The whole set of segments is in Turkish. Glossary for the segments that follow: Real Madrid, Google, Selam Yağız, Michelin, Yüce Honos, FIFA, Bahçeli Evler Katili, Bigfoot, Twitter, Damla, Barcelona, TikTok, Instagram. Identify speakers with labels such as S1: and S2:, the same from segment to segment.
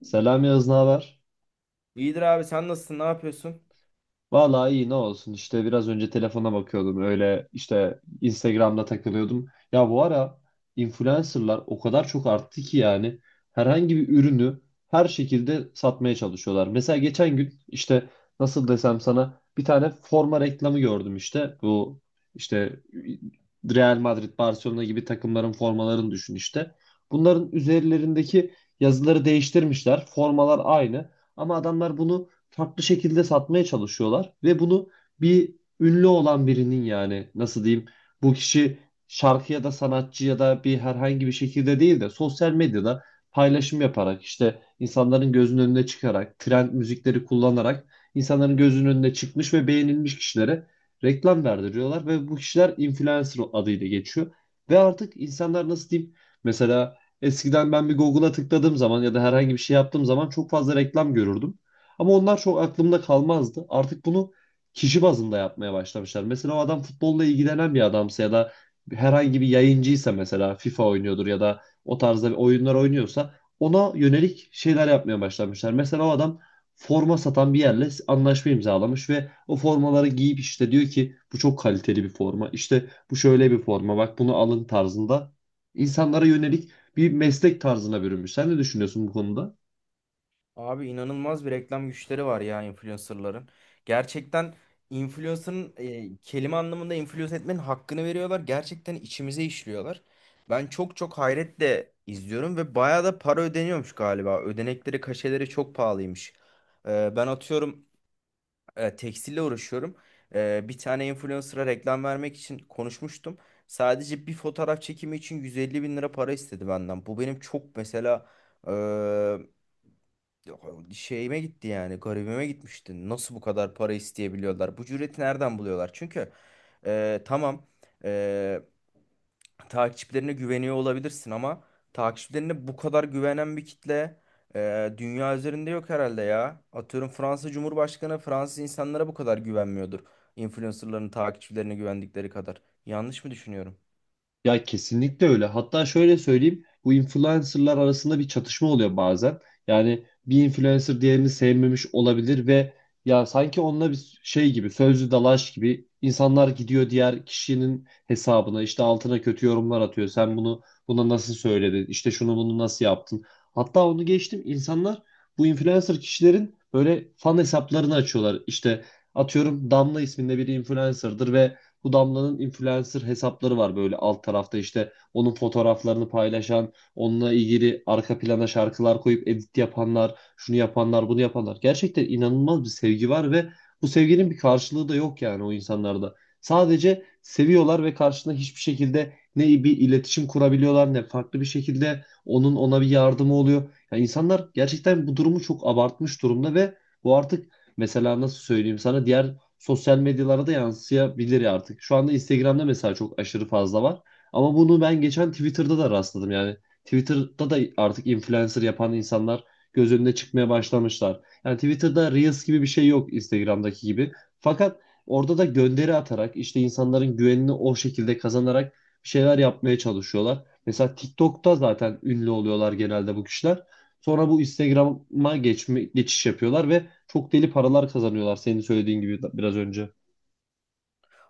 S1: Selam Yağız, ne haber?
S2: İyidir abi sen nasılsın? Ne yapıyorsun?
S1: Vallahi iyi ne olsun işte biraz önce telefona bakıyordum öyle işte Instagram'da takılıyordum. Ya bu ara influencerlar o kadar çok arttı ki yani herhangi bir ürünü her şekilde satmaya çalışıyorlar. Mesela geçen gün işte nasıl desem sana bir tane forma reklamı gördüm işte bu işte Real Madrid, Barcelona gibi takımların formalarını düşün işte. Bunların üzerlerindeki yazıları değiştirmişler, formalar aynı ama adamlar bunu farklı şekilde satmaya çalışıyorlar. Ve bunu bir ünlü olan birinin, yani nasıl diyeyim, bu kişi şarkı ya da sanatçı ya da bir herhangi bir şekilde değil de sosyal medyada paylaşım yaparak işte insanların gözünün önüne çıkarak, trend müzikleri kullanarak insanların gözünün önüne çıkmış ve beğenilmiş kişilere reklam verdiriyorlar ve bu kişiler influencer adıyla geçiyor. Ve artık insanlar, nasıl diyeyim, mesela eskiden ben bir Google'a tıkladığım zaman ya da herhangi bir şey yaptığım zaman çok fazla reklam görürdüm. Ama onlar çok aklımda kalmazdı. Artık bunu kişi bazında yapmaya başlamışlar. Mesela o adam futbolla ilgilenen bir adamsa ya da herhangi bir yayıncıysa, mesela FIFA oynuyordur ya da o tarzda bir oyunlar oynuyorsa ona yönelik şeyler yapmaya başlamışlar. Mesela o adam forma satan bir yerle anlaşma imzalamış ve o formaları giyip işte diyor ki bu çok kaliteli bir forma. İşte bu şöyle bir forma, bak bunu alın tarzında, insanlara yönelik bir meslek tarzına bürünmüş. Sen ne düşünüyorsun bu konuda?
S2: Abi inanılmaz bir reklam güçleri var ya influencerların. Gerçekten influencer'ın kelime anlamında influence etmenin hakkını veriyorlar. Gerçekten içimize işliyorlar. Ben çok çok hayretle izliyorum ve bayağı da para ödeniyormuş galiba. Ödenekleri, kaşeleri çok pahalıymış. Ben atıyorum tekstille uğraşıyorum. Bir tane influencer'a reklam vermek için konuşmuştum. Sadece bir fotoğraf çekimi için 150 bin lira para istedi benden. Bu benim çok mesela e, şeyime gitti yani garibime gitmişti. Nasıl bu kadar para isteyebiliyorlar? Bu cüreti nereden buluyorlar? Çünkü tamam, takipçilerine güveniyor olabilirsin ama takipçilerine bu kadar güvenen bir kitle dünya üzerinde yok herhalde ya. Atıyorum Fransa Cumhurbaşkanı Fransız insanlara bu kadar güvenmiyordur. Influencerların takipçilerine güvendikleri kadar. Yanlış mı düşünüyorum?
S1: Ya kesinlikle öyle. Hatta şöyle söyleyeyim, bu influencerlar arasında bir çatışma oluyor bazen. Yani bir influencer diğerini sevmemiş olabilir ve ya sanki onunla bir şey gibi, sözlü dalaş gibi, insanlar gidiyor diğer kişinin hesabına, işte altına kötü yorumlar atıyor. Sen bunu, buna nasıl söyledin? İşte şunu bunu nasıl yaptın? Hatta onu geçtim. İnsanlar bu influencer kişilerin böyle fan hesaplarını açıyorlar. İşte atıyorum, Damla isminde bir influencer'dır ve bu Damla'nın influencer hesapları var böyle alt tarafta, işte onun fotoğraflarını paylaşan, onunla ilgili arka plana şarkılar koyup edit yapanlar, şunu yapanlar, bunu yapanlar. Gerçekten inanılmaz bir sevgi var ve bu sevginin bir karşılığı da yok yani o insanlarda. Sadece seviyorlar ve karşına hiçbir şekilde ne bir iletişim kurabiliyorlar ne farklı bir şekilde onun ona bir yardımı oluyor. Yani insanlar gerçekten bu durumu çok abartmış durumda ve bu artık, mesela nasıl söyleyeyim sana, diğer sosyal medyalara da yansıyabilir ya artık. Şu anda Instagram'da mesela çok aşırı fazla var. Ama bunu ben geçen Twitter'da da rastladım yani. Twitter'da da artık influencer yapan insanlar göz önüne çıkmaya başlamışlar. Yani Twitter'da Reels gibi bir şey yok Instagram'daki gibi. Fakat orada da gönderi atarak, işte insanların güvenini o şekilde kazanarak bir şeyler yapmaya çalışıyorlar. Mesela TikTok'ta zaten ünlü oluyorlar genelde bu kişiler. Sonra bu Instagram'a geçiş yapıyorlar ve çok deli paralar kazanıyorlar senin söylediğin gibi biraz önce.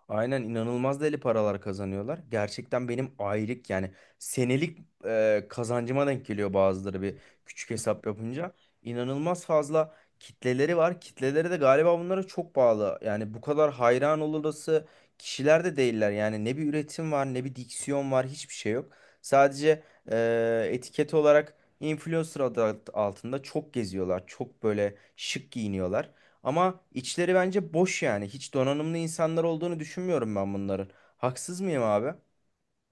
S2: Aynen, inanılmaz deli paralar kazanıyorlar. Gerçekten benim aylık yani senelik kazancıma denk geliyor bazıları bir küçük hesap yapınca. İnanılmaz fazla kitleleri var. Kitleleri de galiba bunlara çok bağlı. Yani bu kadar hayran olurası kişiler de değiller. Yani ne bir üretim var ne bir diksiyon var, hiçbir şey yok. Sadece etiket olarak influencer adı altında çok geziyorlar. Çok böyle şık giyiniyorlar. Ama içleri bence boş yani. Hiç donanımlı insanlar olduğunu düşünmüyorum ben bunların. Haksız mıyım abi?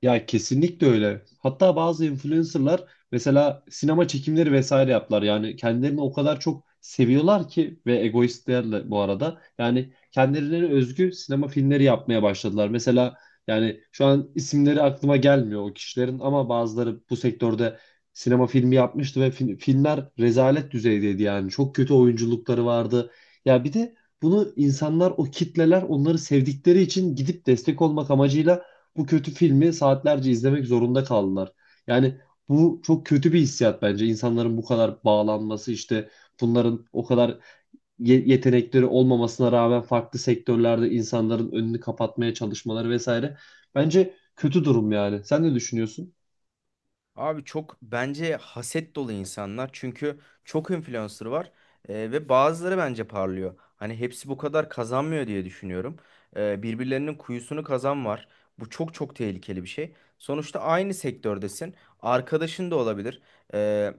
S1: Ya kesinlikle öyle. Hatta bazı influencerlar mesela sinema çekimleri vesaire yaptılar. Yani kendilerini o kadar çok seviyorlar ki, ve egoistlerle bu arada. Yani kendilerine özgü sinema filmleri yapmaya başladılar. Mesela yani şu an isimleri aklıma gelmiyor o kişilerin, ama bazıları bu sektörde sinema filmi yapmıştı ve filmler rezalet düzeydeydi yani. Çok kötü oyunculukları vardı. Ya bir de bunu insanlar, o kitleler, onları sevdikleri için gidip destek olmak amacıyla bu kötü filmi saatlerce izlemek zorunda kaldılar. Yani bu çok kötü bir hissiyat bence. İnsanların bu kadar bağlanması, işte bunların o kadar yetenekleri olmamasına rağmen farklı sektörlerde insanların önünü kapatmaya çalışmaları vesaire. Bence kötü durum yani. Sen ne düşünüyorsun?
S2: Abi çok bence haset dolu insanlar. Çünkü çok influencer var ve bazıları bence parlıyor. Hani hepsi bu kadar kazanmıyor diye düşünüyorum. Birbirlerinin kuyusunu kazan var. Bu çok çok tehlikeli bir şey. Sonuçta aynı sektördesin. Arkadaşın da olabilir. E,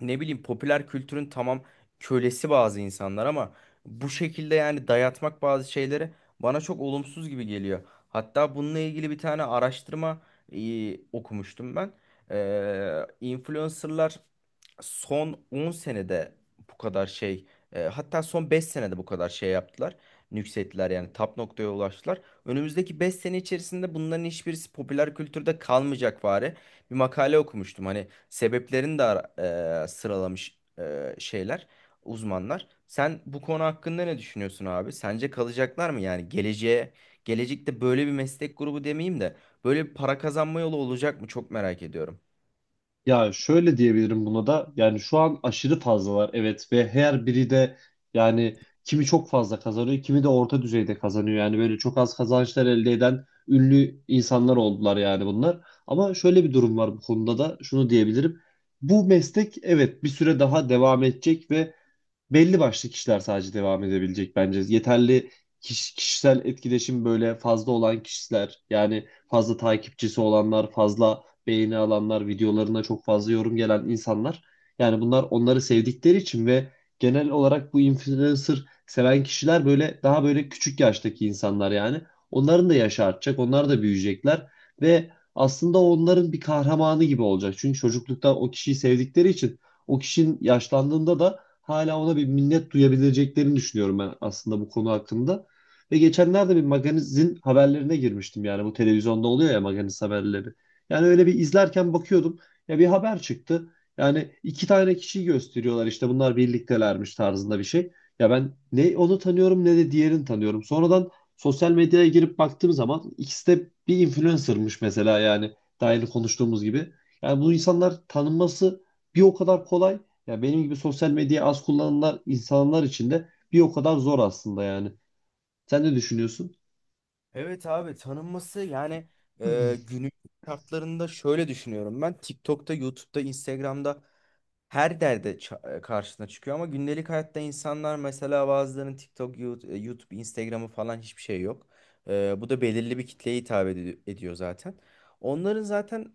S2: ne bileyim, popüler kültürün tamam kölesi bazı insanlar ama bu şekilde yani dayatmak bazı şeyleri bana çok olumsuz gibi geliyor. Hatta bununla ilgili bir tane araştırma okumuştum ben. İnfluencerlar son 10 senede bu kadar şey, hatta son 5 senede bu kadar şey yaptılar. Yükselttiler yani tap noktaya ulaştılar. Önümüzdeki 5 sene içerisinde bunların hiçbirisi popüler kültürde kalmayacak bari. Bir makale okumuştum. Hani sebeplerini de sıralamış şeyler, uzmanlar. Sen bu konu hakkında ne düşünüyorsun abi? Sence kalacaklar mı yani gelecekte böyle bir meslek grubu demeyeyim de böyle bir para kazanma yolu olacak mı? Çok merak ediyorum.
S1: Ya şöyle diyebilirim buna da, yani şu an aşırı fazlalar evet, ve her biri de yani kimi çok fazla kazanıyor kimi de orta düzeyde kazanıyor, yani böyle çok az kazançlar elde eden ünlü insanlar oldular yani bunlar. Ama şöyle bir durum var bu konuda da, şunu diyebilirim: bu meslek evet bir süre daha devam edecek ve belli başlı kişiler sadece devam edebilecek bence. Yeterli kişisel etkileşim böyle fazla olan kişiler, yani fazla takipçisi olanlar, fazla beğeni alanlar, videolarına çok fazla yorum gelen insanlar. Yani bunlar onları sevdikleri için, ve genel olarak bu influencer seven kişiler böyle daha böyle küçük yaştaki insanlar yani. Onların da yaşı artacak, onlar da büyüyecekler ve aslında onların bir kahramanı gibi olacak. Çünkü çocuklukta o kişiyi sevdikleri için o kişinin yaşlandığında da Hala ona bir minnet duyabileceklerini düşünüyorum ben aslında bu konu hakkında. Ve geçenlerde bir magazin haberlerine girmiştim, yani bu televizyonda oluyor ya magazin haberleri. Yani öyle bir izlerken bakıyordum, ya bir haber çıktı. Yani iki tane kişiyi gösteriyorlar, işte bunlar birliktelermiş tarzında bir şey. Ya ben ne onu tanıyorum ne de diğerini tanıyorum. Sonradan sosyal medyaya girip baktığım zaman ikisi de bir influencer'mış mesela, yani daha yeni konuştuğumuz gibi. Yani bu insanlar tanınması bir o kadar kolay ya, benim gibi sosyal medyayı az kullananlar insanlar için de bir o kadar zor aslında yani. Sen ne düşünüyorsun?
S2: Evet abi, tanınması yani günün şartlarında şöyle düşünüyorum: ben TikTok'ta, YouTube'da, Instagram'da her derde karşına çıkıyor ama gündelik hayatta insanlar, mesela bazılarının TikTok, YouTube, Instagram'ı falan hiçbir şey yok. Bu da belirli bir kitleye hitap ediyor zaten. Onların zaten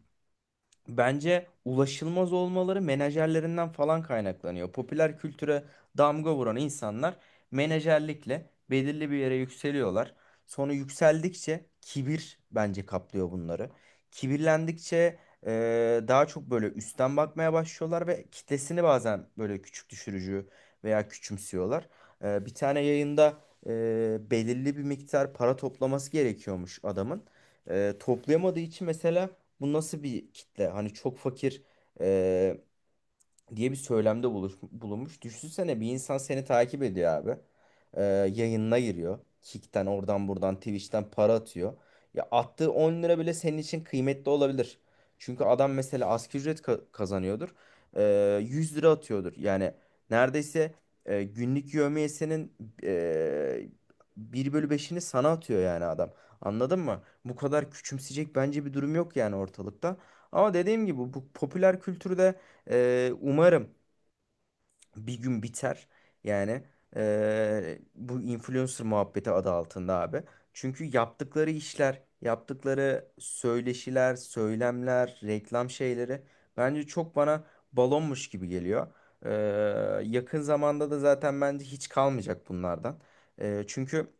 S2: bence ulaşılmaz olmaları menajerlerinden falan kaynaklanıyor. Popüler kültüre damga vuran insanlar menajerlikle belirli bir yere yükseliyorlar. Sonra yükseldikçe kibir bence kaplıyor bunları. Kibirlendikçe e, daha çok böyle üstten bakmaya başlıyorlar ve kitlesini bazen böyle küçük düşürücü veya küçümsüyorlar. Bir tane yayında e, belirli bir miktar para toplaması gerekiyormuş adamın. Toplayamadığı için mesela, bu nasıl bir kitle? Hani çok fakir e, diye bir söylemde bulunmuş. Düşünsene, bir insan seni takip ediyor abi. Yayınına giriyor. Kick'ten, oradan buradan, Twitch'ten para atıyor. Ya attığı 10 lira bile senin için kıymetli olabilir. Çünkü adam mesela asgari ücret kazanıyordur. 100 lira atıyordur. Yani neredeyse günlük yevmiyesinin e, bir bölü beşini sana atıyor yani adam. Anladın mı? Bu kadar küçümseyecek bence bir durum yok yani ortalıkta. Ama dediğim gibi, bu popüler kültürde umarım bir gün biter. Yani bu influencer muhabbeti adı altında abi. Çünkü yaptıkları işler, yaptıkları söyleşiler, söylemler, reklam şeyleri bence çok bana balonmuş gibi geliyor. Ee, yakın zamanda da zaten bence hiç kalmayacak bunlardan. Çünkü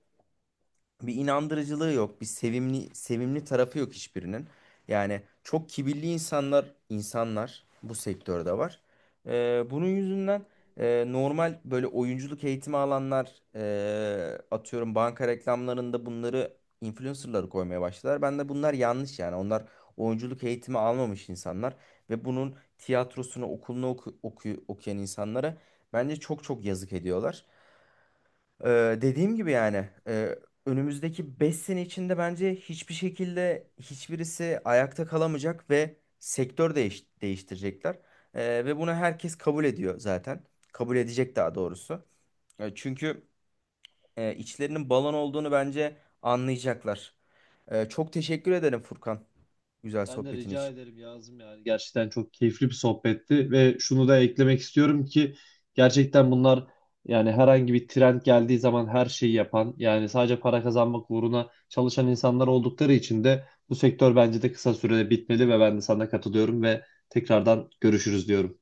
S2: bir inandırıcılığı yok, bir sevimli sevimli tarafı yok hiçbirinin. Yani çok kibirli insanlar bu sektörde var. Bunun yüzünden normal böyle oyunculuk eğitimi alanlar, atıyorum, banka reklamlarında bunları, influencerları koymaya başladılar. Ben de bunlar yanlış yani. Onlar oyunculuk eğitimi almamış insanlar ve bunun tiyatrosunu, okulunu okuyan insanlara bence çok çok yazık ediyorlar. Dediğim gibi yani, önümüzdeki 5 sene içinde bence hiçbir şekilde hiçbirisi ayakta kalamayacak ve sektör değiştirecekler. Ve bunu herkes kabul ediyor zaten. Kabul edecek daha doğrusu. Çünkü içlerinin balon olduğunu bence anlayacaklar. Çok teşekkür ederim Furkan. Güzel
S1: Ben de
S2: sohbetin
S1: rica
S2: için.
S1: ederim, yazdım yani. Gerçekten çok keyifli bir sohbetti ve şunu da eklemek istiyorum ki gerçekten bunlar, yani herhangi bir trend geldiği zaman her şeyi yapan, yani sadece para kazanmak uğruna çalışan insanlar oldukları için de bu sektör bence de kısa sürede bitmeli ve ben de sana katılıyorum ve tekrardan görüşürüz diyorum.